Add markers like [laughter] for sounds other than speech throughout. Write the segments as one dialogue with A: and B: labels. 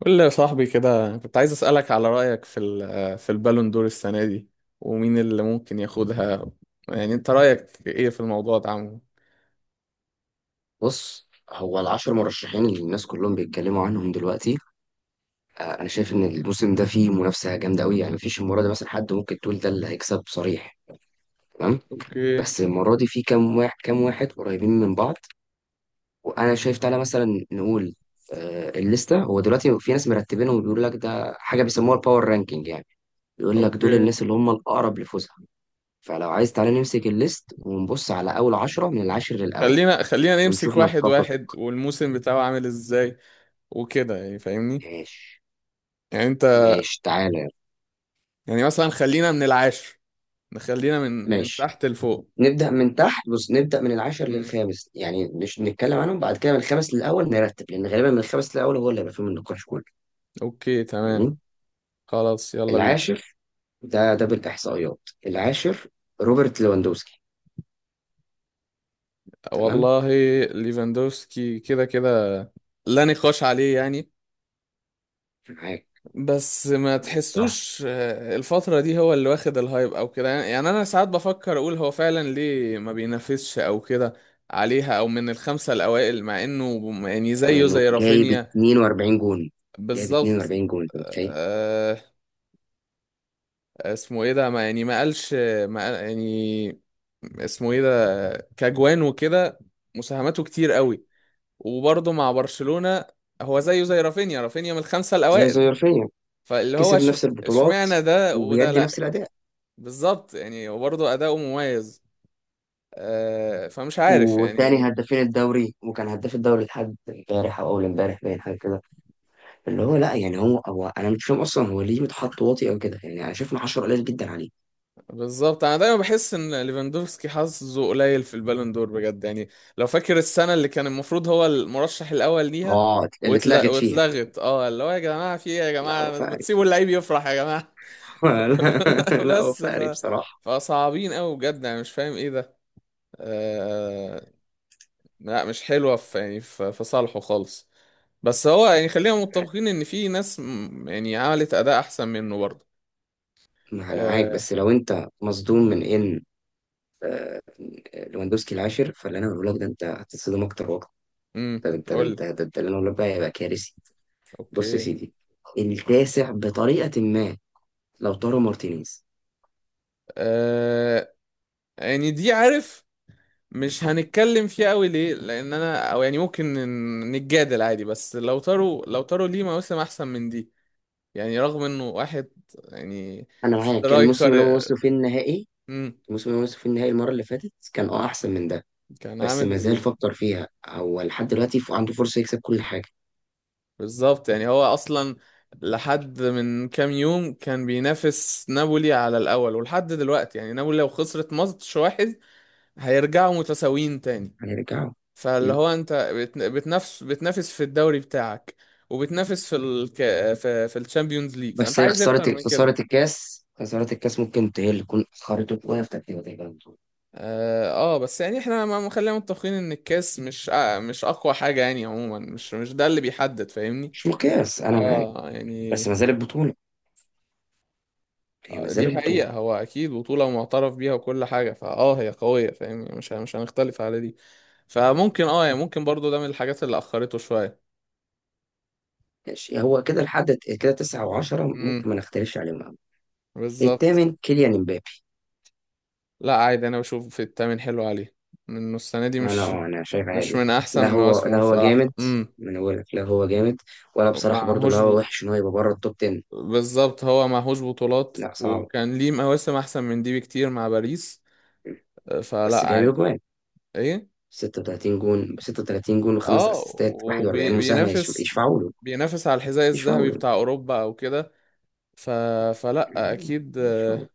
A: قول لي يا صاحبي كده، كنت عايز أسألك على رأيك في البالون دور السنة دي، ومين اللي ممكن ياخدها. يعني انت رأيك ايه في الموضوع ده عمو؟
B: بص، هو العشر مرشحين اللي الناس كلهم بيتكلموا عنهم دلوقتي. انا شايف ان الموسم ده فيه منافسه جامده قوي، يعني مفيش المره دي مثلا حد ممكن تقول ده اللي هيكسب صريح. تمام.
A: اوكي.
B: بس المره دي في كام واحد كام واحد قريبين من بعض. وانا شايف تعالى مثلا نقول الليسته. هو دلوقتي في ناس مرتبينهم وبيقول لك ده حاجه بيسموها الباور رانكينج، يعني بيقول لك دول
A: اوكي،
B: الناس اللي هم الاقرب لفوزها. فلو عايز تعالى نمسك الليست ونبص على اول عشرة من العاشر للاول
A: خلينا نمسك
B: ونشوف
A: واحد
B: نتفق.
A: واحد، والموسم بتاعه عامل ازاي وكده، يعني فاهمني.
B: ماشي.
A: يعني انت،
B: ماشي تعالى.
A: يعني مثلا خلينا من العاشر، نخلينا من
B: ماشي.
A: تحت لفوق.
B: نبدأ من تحت، بص نبدأ من العاشر
A: مم.
B: للخامس، يعني مش نتكلم عنهم. بعد كده من الخامس للأول نرتب، لأن غالبا من الخامس للأول هو اللي هيبقى فيه من النقاش كله.
A: اوكي تمام.
B: جميل.
A: خلاص يلا بينا.
B: العاشر، ده ده بالإحصائيات. العاشر، روبرت ليفاندوسكي. تمام.
A: والله، ليفاندوفسكي كده كده لا نقاش عليه يعني.
B: معاك.
A: بس ما
B: معاك بصراحة.
A: تحسوش الفترة دي هو اللي واخد الهايب او كده، يعني انا ساعات بفكر اقول هو فعلا ليه ما بينافسش او كده عليها، او من الخمسة الاوائل، مع انه يعني
B: رغم
A: زيه
B: إنه
A: زي
B: جايب
A: رافينيا.
B: 42 جون. جايب
A: بالظبط.
B: 42 جون، أنت متخيل؟
A: آه، اسمه ايه ده، ما يعني ما قالش ما قال- يعني اسمه ايه ده، كجوان وكده، مساهماته كتير قوي، وبرضه مع برشلونة. هو زيه زي رافينيا، رافينيا من الخمسة
B: زي
A: الاوائل.
B: زي رفيع،
A: فاللي هو
B: كسب
A: اش-
B: نفس البطولات
A: اشمعنى ده وده
B: وبيدي
A: لا؟
B: نفس الأداء،
A: بالظبط، يعني وبرضه أداؤه مميز. فمش عارف
B: والتاني
A: يعني.
B: هدافين الدوري، وكان هداف الدوري لحد امبارح أو أول امبارح، باين حاجة كده. اللي هو لا، يعني هو انا مش فاهم اصلا هو ليه متحط واطي او كده. يعني انا شايف ان 10 قليل جدا عليه.
A: بالظبط، انا دايما بحس ان ليفاندوفسكي حظه قليل في البالون دور بجد يعني. لو فاكر السنه اللي كان المفروض هو المرشح الاول ليها
B: اه، اللي اتلغت فيها.
A: واتلغت، اه، اللي هو يا جماعه في ايه يا
B: لا هو
A: جماعه، ما
B: فقري
A: تسيبوا
B: بصراحه.
A: اللعيب يفرح يا جماعه.
B: [laughs]
A: [laughs]
B: لا لا، هو
A: بس
B: فقري
A: ف
B: بصراحه.
A: فصعبين قوي بجد، انا مش فاهم ايه ده. آه، لا مش حلوة في، يعني في صالحه خالص. بس هو يعني خلينا متفقين ان في ناس يعني عملت اداء احسن منه برضه.
B: ما انا معاك،
A: آه.
B: بس لو انت مصدوم من ان لواندوسكي العاشر، فاللي انا بقوله لك ده انت هتتصدم اكتر واكتر.
A: امم،
B: ده انت ده
A: قول.
B: انت ده انت اللي انا بقوله لك بقى هيبقى كارثي. بص يا
A: اوكي.
B: سيدي، التاسع بطريقه ما لو طارو مارتينيز.
A: آه، يعني دي عارف مش هنتكلم فيها قوي، ليه؟ لان انا او يعني ممكن نتجادل عادي، بس لو تارو، لو تارو ليه مواسم احسن من دي، يعني رغم انه واحد يعني
B: انا معاك.
A: سترايكر. امم.
B: الموسم اللي هو وصلوا فيه النهائي المره اللي فاتت كان اه احسن من ده.
A: كان
B: بس ما زال
A: عامل.
B: فكر فيها هو لحد دلوقتي، عنده فرصة يكسب كل حاجة.
A: بالظبط، يعني هو اصلا لحد من كام يوم كان بينافس نابولي على الاول، ولحد دلوقتي يعني نابولي لو خسرت ماتش واحد هيرجعوا متساويين تاني.
B: هنرجعه.
A: فاللي
B: مم.
A: هو انت بت- بتنافس، بتنافس في الدوري بتاعك، وبتنافس في الشامبيونز ليج، فانت
B: بس هي
A: عايز
B: خسارة
A: اكتر من كده؟
B: خسارة الكاس خسارة الكاس ممكن هي اللي تكون أخرته شوية في ترتيب تقريبا البطولة.
A: اه. بس يعني احنا ما خلينا متفقين ان الكاس مش اقوى حاجة يعني، عموما مش ده اللي بيحدد، فاهمني؟
B: مش مقياس، أنا معاك،
A: اه يعني.
B: بس ما زالت بطولة. هي ما
A: آه،
B: زالت
A: دي
B: بطولة.
A: حقيقة، هو أكيد بطولة معترف بيها وكل حاجة، فأه هي قوية، فاهم يعني، مش هنختلف على دي. فممكن أه يعني، ممكن برضو ده من الحاجات اللي أخرته شوية.
B: ماشي. هو كده لحد كده، تسعة وعشرة
A: امم.
B: ممكن ما نختلفش عليهم أوي.
A: بالظبط.
B: التامن كيليان امبابي.
A: لا عادي، أنا بشوف في التامن حلو عليه، إنه السنة دي
B: أنا
A: مش،
B: أه، أنا شايف
A: مش
B: عادي.
A: من
B: لا
A: أحسن
B: هو،
A: مواسمه
B: لا هو
A: بصراحة.
B: جامد.
A: امم.
B: ما أنا بقول لك لا هو جامد. ولا بصراحة برضو
A: معهوش
B: لا
A: ب...
B: هو وحش إن هو يبقى بره التوب 10.
A: بالظبط، هو معهوش بطولات،
B: لا صعب.
A: وكان ليه مواسم أحسن من دي بكتير مع باريس.
B: بس
A: فلا
B: جاب
A: عادي.
B: أجوان،
A: إيه؟
B: 36 جون. 36 جون وخمس
A: اه
B: اسيستات، 41 مساهمه،
A: وبينافس،
B: يشفعوا له.
A: بينافس على الحذاء
B: يشفعوا
A: الذهبي
B: له.
A: بتاع اوروبا او كده. ف... فلا اكيد،
B: يشفعوا له.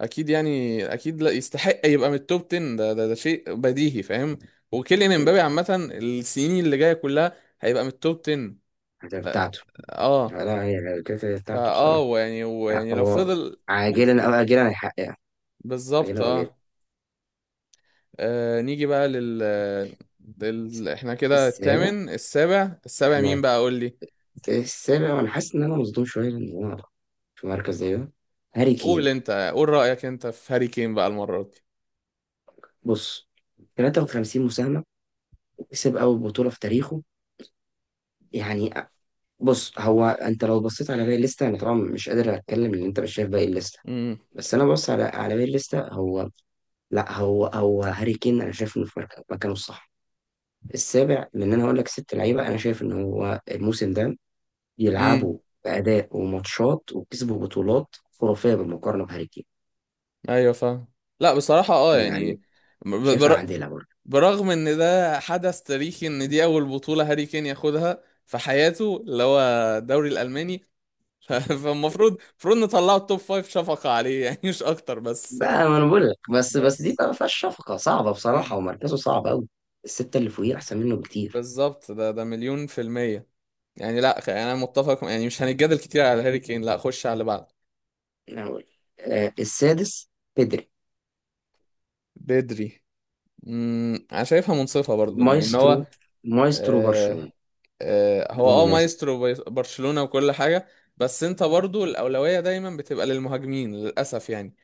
A: اكيد يعني، اكيد لا يستحق يبقى من التوب 10، ده شيء بديهي، فاهم. وكيليان امبابي عامه السنين اللي جايه كلها هيبقى من التوب 10.
B: الأهداف بتاعته.
A: اه.
B: لا، هي الأهداف بتاعته
A: فاه،
B: بصراحه.
A: ويعني ويعني لو
B: هو
A: فضل ماسك،
B: عاجلا او اجلا هيحققها.
A: بالظبط.
B: عاجلا او اجلا.
A: اه. نيجي بقى احنا كده
B: السابع.
A: الثامن، السابع، مين
B: احنا
A: بقى؟ قول لي.
B: في السابع وانا حاسس ان انا مصدوم شويه لان هو في مركز زي ده. هاري
A: قول
B: كين.
A: انت، قول رأيك انت في هاري كين بقى المرة دي.
B: بص، 53 مساهمة وكسب أول بطولة في تاريخه، يعني. بص، هو أنت لو بصيت على باقي الليستة، أنا طبعا مش قادر أتكلم لأن أنت مش شايف باقي الليستة.
A: امم.
B: بس انا بص على على باقي الليسته. هو لا، هو هو هاري كين، انا شايف انه في مكانه الصح السابع، لان انا هقول لك ست لعيبه انا شايف ان هو الموسم ده
A: امم.
B: يلعبوا باداء وماتشات وكسبوا بطولات خرافيه بالمقارنه بهاري كين.
A: ايوه فاهم. لا بصراحة، اه يعني،
B: يعني
A: ب-
B: شايفها
A: بر...
B: عادله برضه.
A: برغم ان ده حدث تاريخي، ان دي اول بطولة هاري كين ياخدها في حياته، اللي هو الدوري الألماني. [laughs] فالمفروض نطلعه التوب فايف شفقة عليه، يعني مش اكتر بس.
B: بقى ما انا بقول لك، بس دي
A: بس.
B: بقى ما فيهاش شفقه، صعبه بصراحه
A: امم.
B: ومركزه صعب قوي. السته اللي فوقيه احسن منه بكتير.
A: بالظبط، ده مليون في المية يعني، لا يعني انا متفق، يعني مش هنتجادل كتير على هاري كين، لا خش على اللي بعده.
B: انا بقول لك. السادس، بيدري.
A: بدري. امم، انا شايفها منصفة برضو ان إن
B: مايسترو.
A: هو،
B: مايسترو
A: آه،
B: برشلونه.
A: هو
B: بدون
A: اه
B: منافس.
A: مايسترو برشلونة وكل حاجة. بس انت برضو الأولوية دايما بتبقى للمهاجمين للأسف يعني،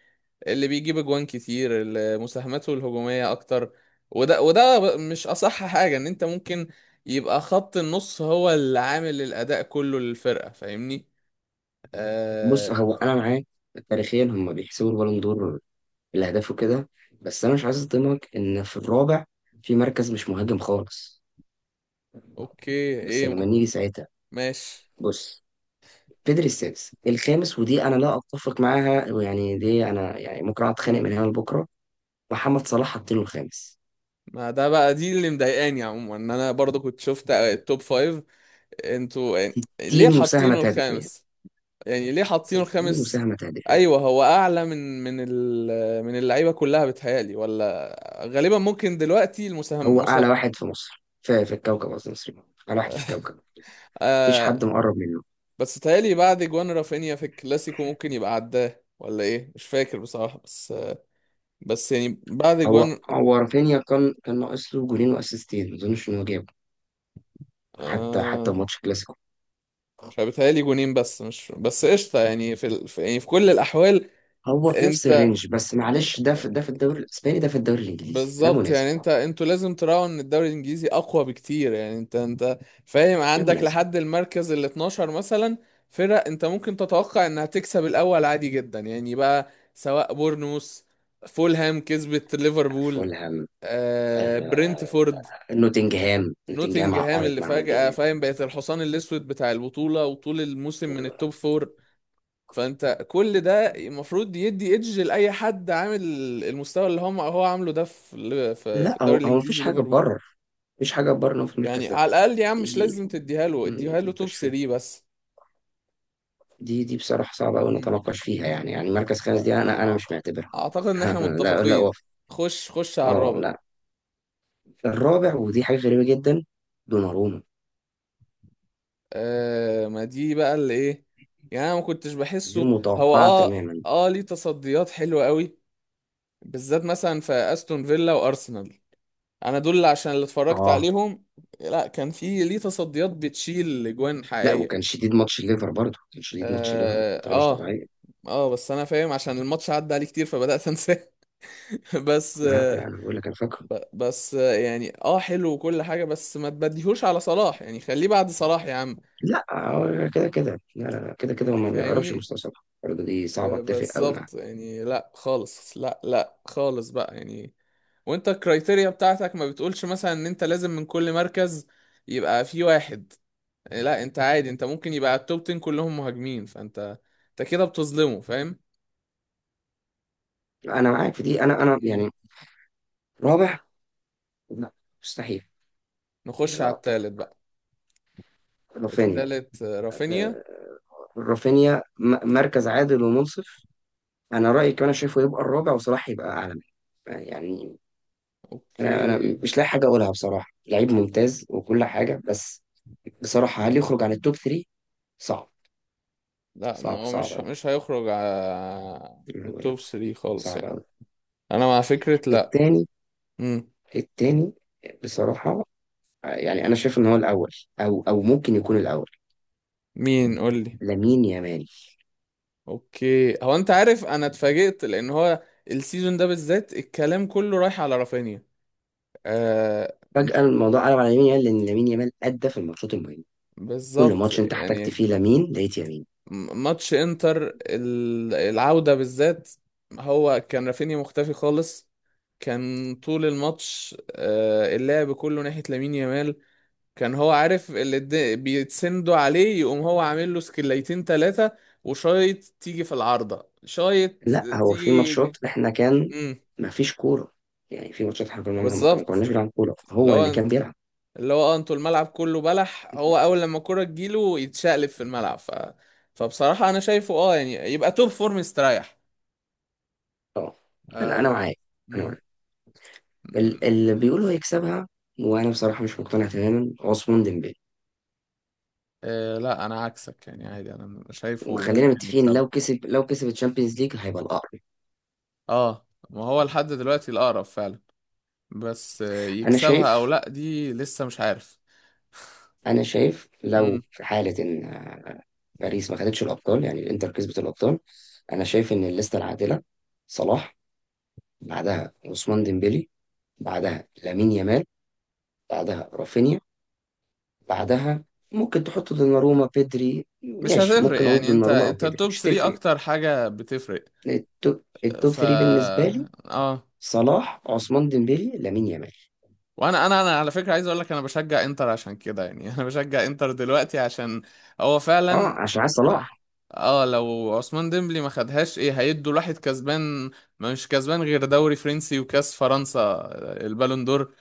A: اللي بيجيب اجوان كتير، اللي مساهماته الهجومية أكتر. مش أصح حاجة إن أنت ممكن يبقى خط النص هو اللي عامل الأداء كله للفرقة، فاهمني؟
B: بص،
A: آه.
B: هو انا معاك، تاريخيا هم بيحسبوا البالون دور الاهداف وكده. بس انا مش عايز اصدمك ان في الرابع في مركز مش مهاجم خالص.
A: أوكي.
B: بس
A: إيه
B: لما
A: م-
B: نيجي ساعتها.
A: ماشي.
B: بص، بيدري السادس. الخامس ودي انا لا اتفق معاها، ويعني دي انا يعني ممكن اقعد اتخانق
A: مم.
B: من هنا لبكره. محمد صلاح حاطينه الخامس.
A: ما ده بقى دي اللي مضايقاني عموما، إن أنا برضو كنت شفت التوب فايف، انتوا يعني ليه
B: 60 مساهمه
A: حاطينه
B: تهديفيه.
A: الخامس؟ يعني ليه حاطينه
B: 60
A: الخامس؟
B: مساهمه تهديفيه.
A: ايوه، هو اعلى من اللعيبه كلها بتهيالي، ولا؟ غالبا ممكن دلوقتي
B: هو
A: المساهم مسا...
B: اعلى واحد في مصر، في الكوكب، قصدي مصري. اعلى واحد في الكوكب، مفيش
A: آه.
B: حد مقرب منه.
A: بس تهيالي بعد جوان رافينيا في الكلاسيكو ممكن يبقى عداه، ولا ايه، مش فاكر بصراحه، بس، بس يعني بعد
B: هو
A: جوان.
B: هو رافينيا كان ناقص له جولين واسيستين، ما اظنش ان هو جابه. حتى
A: آه.
B: ماتش كلاسيكو.
A: مش عارف، بيتهيألي جونين بس، مش بس قشطه يعني في يعني في كل الاحوال
B: هو في نفس
A: انت،
B: الرينج، بس معلش، ده في ده في الدوري الاسباني، ده في الدوري الانجليزي، ده
A: بالظبط
B: منازع.
A: يعني انت، انتوا لازم تراعوا ان الدوري الانجليزي اقوى بكتير يعني، انت فاهم،
B: ده
A: عندك
B: منازع.
A: لحد المركز ال 12 مثلا فرق، انت ممكن تتوقع انها تكسب الاول عادي جدا يعني بقى، سواء بورنموث، فولهام كسبت ليفربول،
B: فولهام.
A: آه،
B: آه.
A: برنتفورد،
B: نوتنجهام، نوتنجهام
A: نوتنجهام
B: عقرت
A: اللي
B: معاهم
A: فجأة
B: جامد.
A: فاهم بقت الحصان الاسود بتاع البطولة، وطول الموسم
B: طول
A: من
B: الوقت.
A: التوب فور. فانت كل ده المفروض يدي ايدج لاي حد عامل المستوى اللي هم هو عامله ده في ال- في في
B: لا
A: الدوري
B: هو، هو مفيش
A: الانجليزي
B: حاجه
A: وليفربول.
B: تبرر. مفيش حاجه تبرر إن هو في
A: يعني
B: المركز ده.
A: على الاقل يا عم مش
B: دي
A: لازم تديها له، اديها له توب
B: مش
A: 3
B: فيه.
A: بس.
B: دي بصراحه صعبه قوي
A: امم.
B: نتناقش فيها، يعني مركز
A: ف-
B: خامس دي انا
A: أع-
B: مش معتبرها.
A: اعتقد ان احنا
B: [laughs] لا لا
A: متفقين.
B: وف.
A: خش، خش على
B: اه
A: الرابع.
B: لا، الرابع، ودي حاجة غريبة جدا. دوناروما.
A: آه، ما دي بقى اللي ايه، يعني انا ما كنتش
B: غير
A: بحسه هو
B: متوقعة
A: اه،
B: تماما.
A: اه ليه تصديات حلوه قوي، بالذات مثلا في استون فيلا وارسنال، انا دول عشان اللي اتفرجت
B: اه
A: عليهم. لا، كان في ليه تصديات بتشيل اجوان
B: لا، وكان
A: حقيقية.
B: شديد ماتش الليفر برضه، كان شديد ماتش الليفر
A: اه
B: بطريقة مش
A: اه.
B: طبيعية.
A: بس انا فاهم عشان الماتش عدى عليه كتير فبدأت انساه. [laughs] بس
B: لا لا،
A: آه.
B: انا بقول لك انا فاكره.
A: بس آه يعني، اه حلو وكل حاجة، بس ما تبديهوش على صلاح يعني، خليه بعد صلاح يا عم،
B: لا هو كده كده، لا لا لا، كده كده هو
A: يعني
B: ما يقربش
A: فاهمني.
B: المستوى صلاح برضه، دي صعبة، اتفق قوي معاك.
A: بالظبط يعني، لا خالص، لا خالص بقى يعني. وانت الكرايتيريا بتاعتك ما بتقولش مثلا ان انت لازم من كل مركز يبقى في واحد. إيه، لا انت عادي، انت ممكن يبقى التوب 10 كلهم مهاجمين، فانت انت كده بتظلمه فاهم.
B: انا معاك في دي، انا
A: مم.
B: يعني رابع، لا، مستحيل.
A: نخش
B: لا،
A: على التالت
B: اتفق.
A: بقى.
B: رافينيا.
A: التالت رافينيا.
B: ده- رافينيا مركز عادل ومنصف. انا رأيي كمان شايفه يبقى الرابع وصلاح يبقى اعلى منه، يعني. انا
A: اوكي.
B: انا مش لاقي حاجه اقولها بصراحه، لعيب ممتاز وكل حاجه، بس بصراحه هل يخرج عن التوب 3؟ صعب.
A: لا، ما
B: صعب.
A: هو
B: صعب
A: مش
B: قوي.
A: مش هيخرج على التوب 3 خالص
B: صعب
A: يعني.
B: قوي.
A: انا مع فكرة لا.
B: التاني.
A: مم.
B: التاني بصراحه، يعني انا شايف ان هو الاول، او ممكن يكون الاول.
A: مين قول لي؟
B: لامين يامال.
A: اوكي، هو انت عارف انا اتفاجئت، لان هو السيزون ده بالذات الكلام كله رايح على رافينيا. آه.
B: فجاه الموضوع قلب على لامين يامال، لان لامين يامال ادى في الماتشات المهمه. كل
A: بالظبط
B: ماتش انت احتجت
A: يعني.
B: فيه لامين لقيت يامين.
A: ماتش انتر العودة بالذات، هو كان رافينيا مختفي خالص، كان طول الماتش اللعب كله ناحية لامين يامال، كان هو عارف اللي بيتسندوا عليه، يقوم هو عامل له سكليتين تلاتة وشايط، تيجي في العارضة، شايط،
B: لا، هو في
A: تيجي.
B: ماتشات احنا كان
A: امم.
B: ما فيش كوره، يعني في ماتشات احنا كنا ما
A: بالظبط.
B: كناش بنلعب كوره،
A: اللي
B: هو اللي
A: هو
B: كان بيلعب.
A: اللي هو انتوا الملعب كله بلح، هو اول لما الكرة تجيله يتشقلب في الملعب. ف... فبصراحة انا شايفه اه يعني يبقى توب فور مستريح.
B: اه، انا
A: آه.
B: معاك. انا
A: امم.
B: معاك. اللي بيقولوا هيكسبها وانا بصراحه مش مقتنع تماما عثمان ديمبلي.
A: آه. لا انا عكسك يعني، عادي انا شايفه
B: وخلينا
A: ممكن
B: متفقين،
A: يكسبها.
B: لو كسب الشامبيونز ليج هيبقى الاقرب.
A: اه، ما هو لحد دلوقتي الاقرب فعلا، بس آه
B: انا
A: يكسبها او
B: شايف
A: لا دي لسه مش عارف.
B: انا شايف لو
A: امم.
B: في حاله ان باريس ما خدتش الابطال، يعني الانتر كسبت الابطال. انا شايف ان الليسته العادله: صلاح، بعدها عثمان ديمبلي، بعدها لامين يامال، بعدها رافينيا، بعدها ممكن تحط دوناروما بيدري،
A: مش
B: ماشي،
A: هتفرق
B: ممكن اقول
A: يعني، انت
B: دوناروما او
A: انت
B: بيدري
A: التوب
B: مش
A: 3
B: هتفرق.
A: اكتر حاجة بتفرق.
B: التوب
A: ف،
B: 3 بالنسبة لي:
A: اه.
B: صلاح، عثمان ديمبélé، لامين يامال.
A: وانا انا انا على فكره عايز اقول لك، انا بشجع انتر عشان كده يعني. [laughs] انا بشجع انتر دلوقتي عشان هو
B: اه،
A: فعلا.
B: عشان عايز
A: لا.
B: صلاح.
A: اه، لو عثمان ديمبلي ما خدهاش، ايه هيدوا الواحد كسبان؟ ما مش كسبان غير دوري فرنسي وكاس فرنسا، البالون دور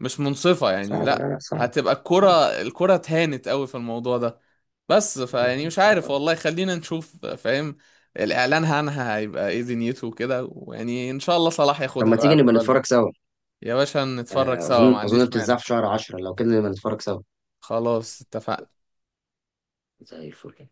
A: مش منصفه يعني،
B: صعب. لا
A: لا
B: لا، صعب.
A: هتبقى الكره،
B: صعب.
A: الكره اتهانت قوي في الموضوع ده. بس فيعني مش
B: صعب
A: عارف
B: أوي.
A: والله، خلينا نشوف، فاهم، الاعلان عنها هيبقى ايه دنيته وكده، ويعني ان شاء الله صلاح
B: طب
A: ياخدها
B: ما
A: بقى
B: تيجي
A: قبل
B: نبقى نتفرج
A: بالنا.
B: سوا.
A: يا باشا نتفرج سوا، ما
B: اظن
A: عنديش مانع.
B: بتتذاع في شهر 10، لو كده نبقى نتفرج سوا.
A: خلاص اتفقنا.
B: زي الفل.